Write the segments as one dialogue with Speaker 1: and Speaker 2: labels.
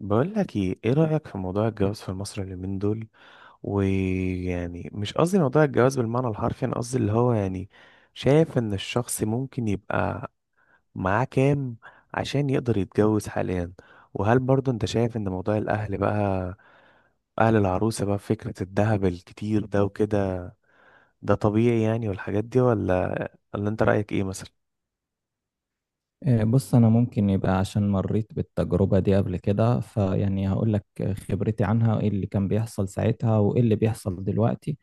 Speaker 1: بقول لك ايه رأيك في موضوع الجواز في مصر اليومين دول؟ ويعني مش قصدي موضوع الجواز بالمعنى الحرفي، انا قصدي اللي هو يعني شايف ان الشخص ممكن يبقى معاه كام عشان يقدر يتجوز حاليا. وهل برضو انت شايف ان موضوع الاهل بقى، اهل العروسة بقى، فكرة الذهب الكتير ده وكده ده طبيعي يعني، والحاجات دي؟ ولا انت رأيك ايه مثلا؟
Speaker 2: بص، أنا ممكن يبقى عشان مريت بالتجربة دي قبل كده، فيعني هقول لك خبرتي عنها وإيه اللي كان بيحصل ساعتها وإيه اللي بيحصل دلوقتي.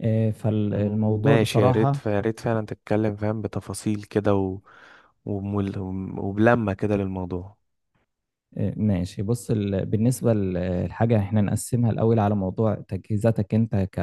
Speaker 2: فالموضوع
Speaker 1: ماشي، يا ريت
Speaker 2: بصراحة.
Speaker 1: يا ريت فعلا تتكلم فاهم بتفاصيل كده ومل... وبلمة كده للموضوع.
Speaker 2: ماشي. بص، بالنسبة للحاجة، احنا نقسمها الأول على موضوع تجهيزاتك أنت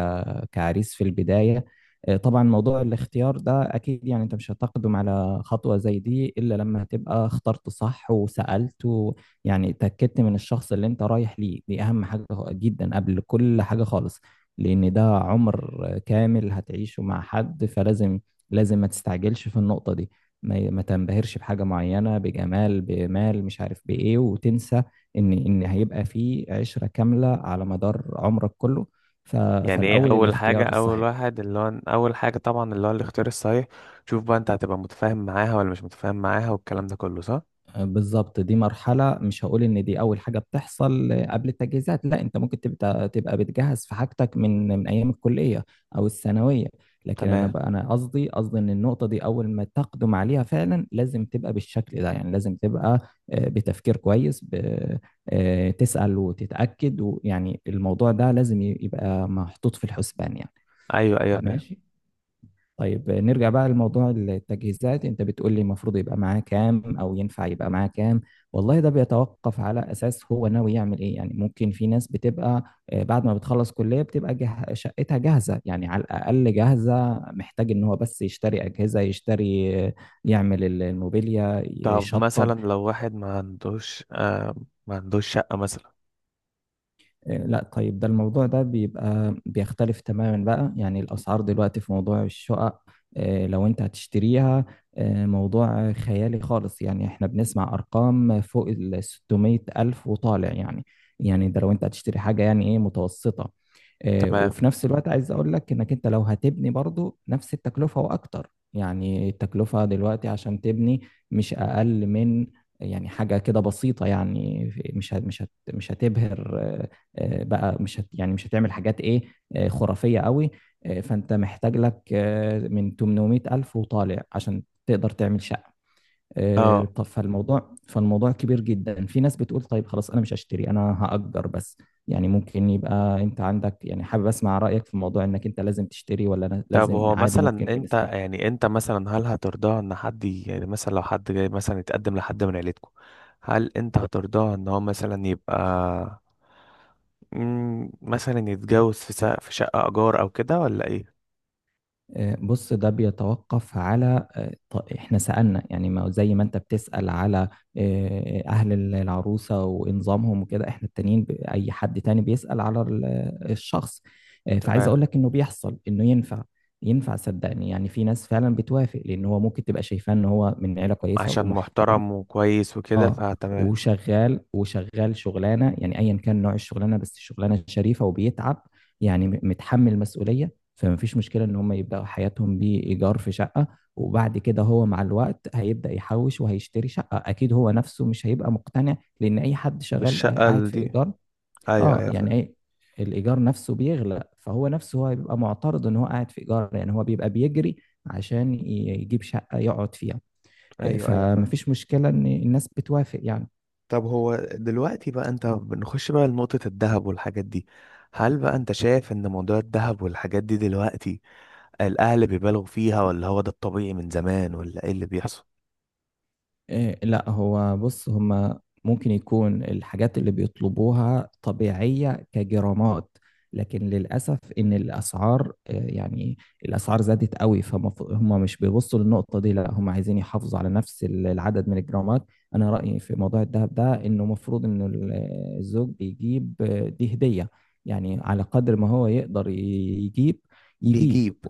Speaker 2: كعريس في البداية. طبعا موضوع الاختيار ده أكيد، يعني أنت مش هتقدم على خطوة زي دي إلا لما تبقى اخترت صح وسألت. يعني اتأكدت من الشخص اللي أنت رايح ليه، دي أهم حاجة جدا قبل كل حاجة خالص. لأن ده عمر كامل هتعيشه مع حد، فلازم ما تستعجلش في النقطة دي. ما تنبهرش بحاجة معينة، بجمال بمال مش عارف بإيه، وتنسى إن هيبقى في عشرة كاملة على مدار عمرك كله. ف-
Speaker 1: يعني ايه
Speaker 2: فالأول
Speaker 1: اول حاجه؟
Speaker 2: الاختيار الصحيح.
Speaker 1: اول حاجه طبعا اللي هو الاختيار الصحيح. شوف بقى، انت هتبقى متفاهم معاها ولا مش متفاهم معاها والكلام ده كله صح؟
Speaker 2: بالظبط. دي مرحلة، مش هقول إن دي أول حاجة بتحصل قبل التجهيزات، لا أنت ممكن تبقى بتجهز في حاجتك من أيام الكلية أو الثانوية. لكن أنا
Speaker 1: تمام.
Speaker 2: بقى أنا قصدي قصدي إن النقطة دي أول ما تقدم عليها فعلا لازم تبقى بالشكل ده، يعني لازم تبقى بتفكير كويس، تسأل وتتأكد، ويعني الموضوع ده لازم يبقى محطوط في الحسبان يعني.
Speaker 1: ايوه ايوه فاهم.
Speaker 2: ماشي. طيب، نرجع بقى لموضوع التجهيزات، انت بتقول لي المفروض يبقى معاه كام، او ينفع يبقى معاه كام؟ والله ده بيتوقف على اساس هو ناوي يعمل ايه. يعني ممكن في ناس بتبقى بعد ما بتخلص كلية بتبقى شقتها جاهزة، يعني على الاقل جاهزة، محتاج ان هو بس يشتري اجهزة، يشتري يعمل الموبيليا،
Speaker 1: طب مثلا
Speaker 2: يشطب.
Speaker 1: لو واحد ما عندوش آه، ما عندوش شقه مثلا.
Speaker 2: لا. طيب ده الموضوع ده بيبقى بيختلف تماما بقى، يعني الأسعار دلوقتي في موضوع الشقق. لو انت هتشتريها، موضوع خيالي خالص. يعني احنا بنسمع أرقام فوق ال 600 ألف وطالع، يعني. يعني ده لو انت هتشتري حاجة يعني ايه، متوسطة.
Speaker 1: تمام.
Speaker 2: وفي نفس الوقت عايز اقول لك انك انت لو هتبني برضو نفس التكلفة واكتر. يعني التكلفة دلوقتي عشان تبني مش اقل من، يعني حاجة كده بسيطة. يعني مش هتبهر بقى، مش هت يعني مش هتعمل حاجات ايه، خرافية قوي. فانت محتاج لك من 800 ألف وطالع عشان تقدر تعمل شقة.
Speaker 1: اه.
Speaker 2: طب فالموضوع، كبير جدا. في ناس بتقول طيب خلاص انا مش هشتري، انا هأجر بس. يعني ممكن يبقى انت عندك، يعني حابب اسمع رأيك في موضوع انك انت لازم تشتري ولا أنا
Speaker 1: طب
Speaker 2: لازم
Speaker 1: هو
Speaker 2: عادي
Speaker 1: مثلا،
Speaker 2: ممكن
Speaker 1: انت
Speaker 2: بالنسبة لك.
Speaker 1: يعني انت مثلا، هل هترضاها ان حد يعني مثلا لو حد جاي مثلا يتقدم لحد من عيلتكم، هل انت هترضاها ان هو مثلا يبقى مثلا يتجوز في شقه ايجار او كده ولا ايه؟
Speaker 2: بص ده بيتوقف على احنا سألنا، يعني ما زي ما انت بتسأل على اهل العروسة وانظامهم وكده، احنا التانيين اي حد تاني بيسأل على الشخص. فعايز
Speaker 1: تمام.
Speaker 2: اقول لك انه بيحصل، انه ينفع. ينفع صدقني، يعني في ناس فعلا بتوافق لان هو ممكن تبقى شايفاه ان هو من عيلة كويسة
Speaker 1: عشان
Speaker 2: ومحترم.
Speaker 1: محترم وكويس وكده
Speaker 2: اه،
Speaker 1: فتمام.
Speaker 2: وشغال شغلانه، يعني ايا كان نوع الشغلانه، بس شغلانه شريفه وبيتعب. يعني متحمل مسؤوليه، فما فيش مشكله ان هم يبداوا حياتهم بايجار في شقه. وبعد كده هو مع الوقت هيبدا يحوش وهيشتري شقه اكيد، هو نفسه مش هيبقى مقتنع لان اي حد شغال
Speaker 1: بالشقة
Speaker 2: قاعد في
Speaker 1: دي.
Speaker 2: ايجار.
Speaker 1: ايوه
Speaker 2: اه
Speaker 1: ايوه فاهم.
Speaker 2: يعني ايه، الايجار نفسه بيغلى، فهو نفسه هيبقى معترض ان هو قاعد في ايجار، يعني هو بيبقى بيجري عشان يجيب شقه يقعد فيها.
Speaker 1: ايوه ايوه فاهم.
Speaker 2: فمفيش مشكلة إن الناس بتوافق يعني.
Speaker 1: طب هو دلوقتي بقى انت بنخش بقى لنقطة الذهب والحاجات دي، هل بقى انت شايف ان موضوع الذهب والحاجات دي دلوقتي الاهل بيبالغوا فيها، ولا هو ده الطبيعي من زمان، ولا ايه اللي بيحصل؟
Speaker 2: لا، هو بص، هما ممكن يكون الحاجات اللي بيطلبوها طبيعية كجرامات، لكن للأسف إن الأسعار يعني الأسعار زادت قوي، فهم مش بيبصوا للنقطة دي، لا هم عايزين يحافظوا على نفس العدد من الجرامات. أنا رأيي في موضوع الذهب ده إنه مفروض إن الزوج بيجيب دي هدية، يعني على قدر ما هو يقدر يجيب يجيب.
Speaker 1: بيجيب.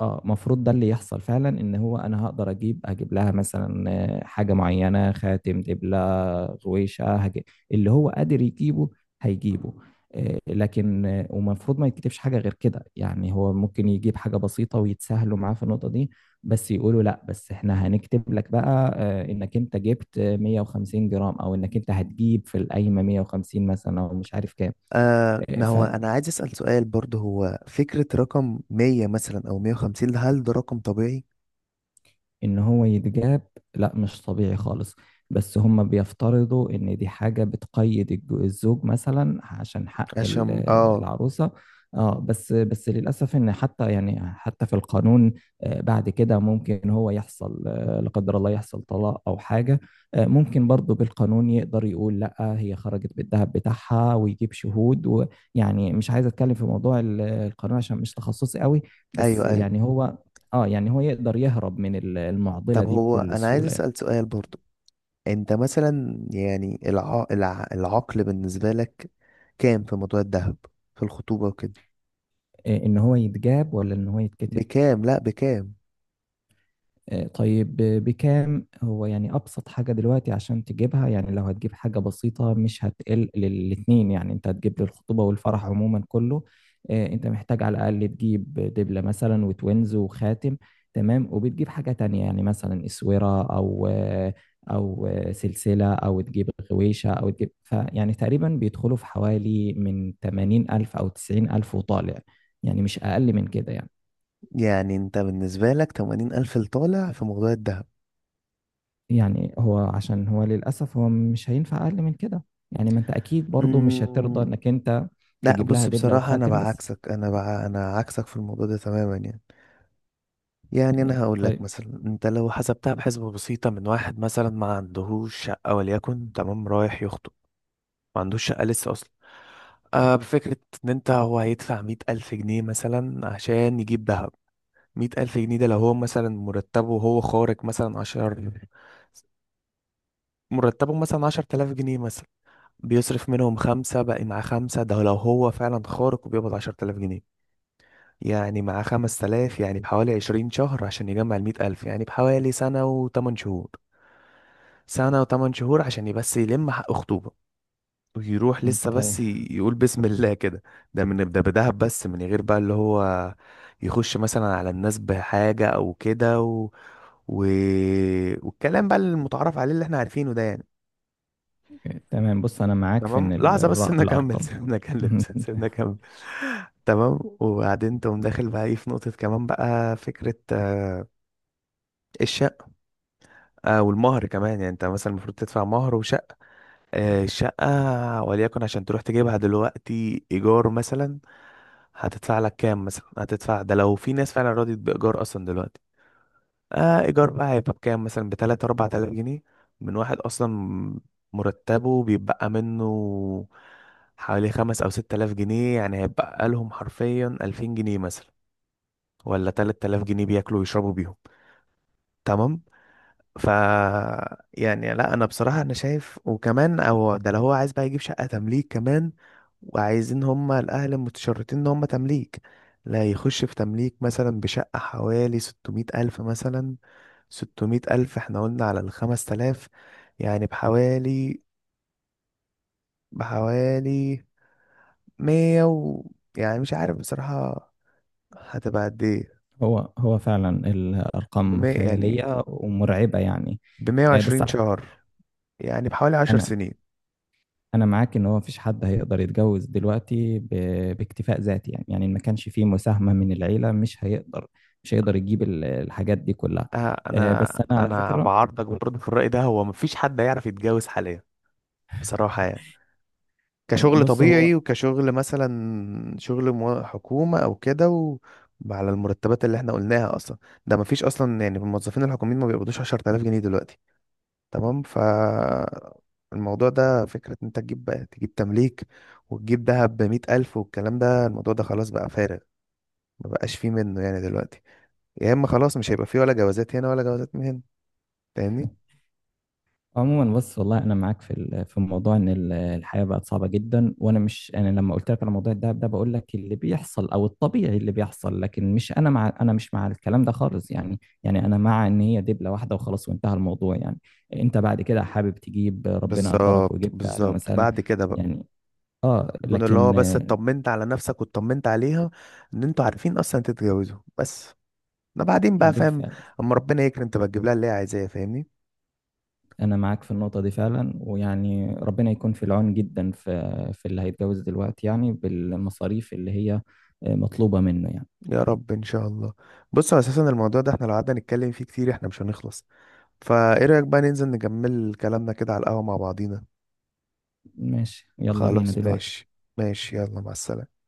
Speaker 2: اه، المفروض ده اللي يحصل فعلا، ان هو انا هقدر اجيب لها مثلا حاجه معينه، خاتم، دبله، غويشه هجيب. اللي هو قادر يجيبه هيجيبه. لكن ومفروض ما يتكتبش حاجه غير كده، يعني هو ممكن يجيب حاجه بسيطه ويتسهلوا معاه في النقطه دي. بس يقولوا لا، بس احنا هنكتب لك بقى انك انت جبت 150 جرام، او انك انت هتجيب في القايمه 150 مثلا، او مش عارف كام.
Speaker 1: آه،
Speaker 2: آه،
Speaker 1: ما
Speaker 2: ف-
Speaker 1: هو انا عايز اسال سؤال برضه، هو فكره رقم 100 مثلا او 150، هل ده رقم طبيعي؟
Speaker 2: ان هو يتجاب. لا مش طبيعي خالص، بس هم بيفترضوا ان دي حاجة بتقيد الزوج مثلا عشان حق
Speaker 1: عشان اه.
Speaker 2: العروسة. اه، بس للاسف ان حتى، يعني حتى في القانون، بعد كده ممكن هو يحصل، لا قدر الله، يحصل طلاق او حاجة. ممكن برضه بالقانون يقدر يقول لا، هي خرجت بالذهب بتاعها ويجيب شهود، ويعني مش عايز اتكلم في موضوع القانون عشان مش تخصصي قوي. بس
Speaker 1: ايوه ايوه.
Speaker 2: يعني هو، اه يعني هو يقدر يهرب من المعضلة
Speaker 1: طب
Speaker 2: دي
Speaker 1: هو
Speaker 2: بكل
Speaker 1: انا عايز
Speaker 2: سهولة.
Speaker 1: اسال سؤال برضه، انت مثلا يعني العقل بالنسبة لك كام في موضوع الذهب في الخطوبة وكده؟
Speaker 2: ان هو يتجاب ولا ان هو يتكتب؟
Speaker 1: بكام؟ لا، بكام؟
Speaker 2: طيب بكام هو؟ يعني أبسط حاجة دلوقتي عشان تجيبها، يعني لو هتجيب حاجة بسيطة مش هتقل للاتنين، يعني أنت هتجيب للخطوبة والفرح عموما كله. أنت محتاج على الأقل تجيب دبلة مثلا وتوينز وخاتم، تمام، وبتجيب حاجة تانية، يعني مثلا إسورة أو سلسلة، أو تجيب غويشة، أو تجيب، فيعني تقريبا بيدخلوا في حوالي من 80000 أو 90000 وطالع، يعني مش أقل من كده يعني
Speaker 1: يعني انت بالنسبة لك تمانين ألف لطالع في موضوع الذهب؟
Speaker 2: يعني هو، عشان هو للأسف هو مش هينفع أقل من كده، يعني ما أنت أكيد برضو مش
Speaker 1: مم...
Speaker 2: هترضى إنك أنت
Speaker 1: لا
Speaker 2: تجيب لها
Speaker 1: بص،
Speaker 2: دبلة
Speaker 1: بصراحة أنا
Speaker 2: وخاتم بس.
Speaker 1: بعكسك، أنا عكسك في الموضوع ده تماما. يعني يعني أنا هقول لك
Speaker 2: طيب.
Speaker 1: مثلا، أنت لو حسبتها بحسبة بسيطة، من واحد مثلا ما عندهوش شقة وليكن، تمام، رايح يخطب، ما عندوش شقة لسه أصلا. آه، بفكرة إن أنت هو هيدفع مية ألف جنيه مثلا عشان يجيب دهب. مية ألف جنيه ده لو هو مثلا مرتبه وهو خارج مثلا عشر، مرتبه مثلا عشر تلاف جنيه مثلا، بيصرف منهم خمسة بقى مع خمسة. ده لو هو فعلا خارج وبيقبض عشر تلاف جنيه، يعني مع خمس تلاف يعني بحوالي عشرين شهر عشان يجمع المية ألف، يعني بحوالي سنة وتمن شهور. سنة وتمن شهور عشان بس يلم حق خطوبة، ويروح لسه
Speaker 2: طيب.
Speaker 1: بس يقول بسم الله كده. ده من ده، بدهب بس، من غير بقى اللي هو يخش مثلا على الناس بحاجة او كده و... والكلام بقى المتعارف عليه اللي احنا عارفينه ده يعني.
Speaker 2: تمام. بص أنا معاك في
Speaker 1: تمام،
Speaker 2: إن
Speaker 1: لحظة بس سيبنا اكمل.
Speaker 2: الأرقام.
Speaker 1: سيبنا اكمل. تمام. وبعدين تقوم داخل بقى ايه في نقطة كمان بقى، فكرة الشقة والمهر كمان. يعني انت مثلا المفروض تدفع مهر وشقة. الشقة وليكن عشان تروح تجيبها دلوقتي ايجار مثلا، هتدفع لك كام مثلا هتدفع؟ ده لو في ناس فعلا رضيت بإيجار أصلا دلوقتي. آه، إيجار بقى هيبقى بكام؟ مثلا بتلاتة أربعة آلاف جنيه. من واحد أصلا مرتبه بيبقى منه حوالي خمس أو ست آلاف جنيه، يعني هيبقى لهم حرفيا ألفين جنيه مثلا، ولا تلات آلاف جنيه بياكلوا ويشربوا بيهم. تمام. ف يعني لا، انا بصراحه انا شايف، وكمان او ده لو هو عايز بقى يجيب شقه تمليك كمان، وعايزين هما الاهل المتشرطين ان هما تمليك، لا يخش في تمليك مثلا بشقه حوالي 600 الف مثلا. 600 الف، احنا قلنا على الخمس تلاف، يعني بحوالي 100 يعني مش عارف بصراحه هتبقى قد ايه.
Speaker 2: هو فعلا الأرقام
Speaker 1: بمية يعني،
Speaker 2: خيالية ومرعبة يعني.
Speaker 1: بمية
Speaker 2: بس
Speaker 1: وعشرين
Speaker 2: على فكرة،
Speaker 1: شهر، يعني بحوالي عشر
Speaker 2: أنا
Speaker 1: سنين.
Speaker 2: أنا معاك إن هو مفيش حد هيقدر يتجوز دلوقتي باكتفاء ذاتي، يعني إن ما كانش فيه مساهمة من العيلة مش هيقدر، مش هيقدر يجيب الحاجات دي كلها.
Speaker 1: آه، انا
Speaker 2: بس أنا على
Speaker 1: انا
Speaker 2: فكرة،
Speaker 1: بعارضك برضه في الرأي ده، هو مفيش حد هيعرف يتجوز حاليا بصراحة يعني. كشغل
Speaker 2: بص هو
Speaker 1: طبيعي، وكشغل مثلا شغل حكومة او كده على المرتبات اللي احنا قلناها اصلا، ده مفيش اصلا. يعني الموظفين الحكوميين ما بيقبضوش 10000 جنيه دلوقتي. تمام. ف الموضوع ده، فكرة ان انت تجيب بقى تجيب تمليك وتجيب دهب بمية ألف والكلام ده، الموضوع ده خلاص بقى فارغ، ما بقاش فيه منه يعني دلوقتي. يا اما خلاص مش هيبقى فيه ولا جوازات هنا ولا جوازات من هنا. فاهمني؟
Speaker 2: عموما. بص والله انا معاك في في موضوع ان الحياه بقت صعبه جدا، وانا مش، انا لما قلت لك على موضوع الدهب ده بقول لك اللي بيحصل او الطبيعي اللي بيحصل، لكن مش، انا مع، انا مش مع الكلام ده خالص، يعني انا مع ان هي دبله واحده وخلاص وانتهى الموضوع يعني. انت بعد كده حابب تجيب، ربنا قدرك
Speaker 1: بالظبط
Speaker 2: وجبت، اهلا
Speaker 1: بالظبط.
Speaker 2: وسهلا،
Speaker 1: بعد كده بقى
Speaker 2: يعني. اه
Speaker 1: يكون اللي هو
Speaker 2: لكن
Speaker 1: بس اطمنت على نفسك واطمنت عليها ان انتوا عارفين اصلا تتجوزوا، بس ده بعدين بقى فاهم.
Speaker 2: بالفعل
Speaker 1: اما ربنا يكرم تبقى تجيب لها اللي هي عايزاه، فاهمني.
Speaker 2: أنا معاك في النقطة دي فعلا، ويعني ربنا يكون في العون جدا في في اللي هيتجوز دلوقتي، يعني بالمصاريف اللي هي مطلوبة منه يعني.
Speaker 1: يا رب ان شاء الله. بص، هو اساسا الموضوع ده احنا لو قعدنا نتكلم فيه كتير احنا مش هنخلص، فايه رايك بقى ننزل نكمل كلامنا كده على القهوة مع بعضينا؟
Speaker 2: ماشي، يلا بينا
Speaker 1: خلاص
Speaker 2: دلوقتي.
Speaker 1: ماشي. ماشي، يلا مع السلامة.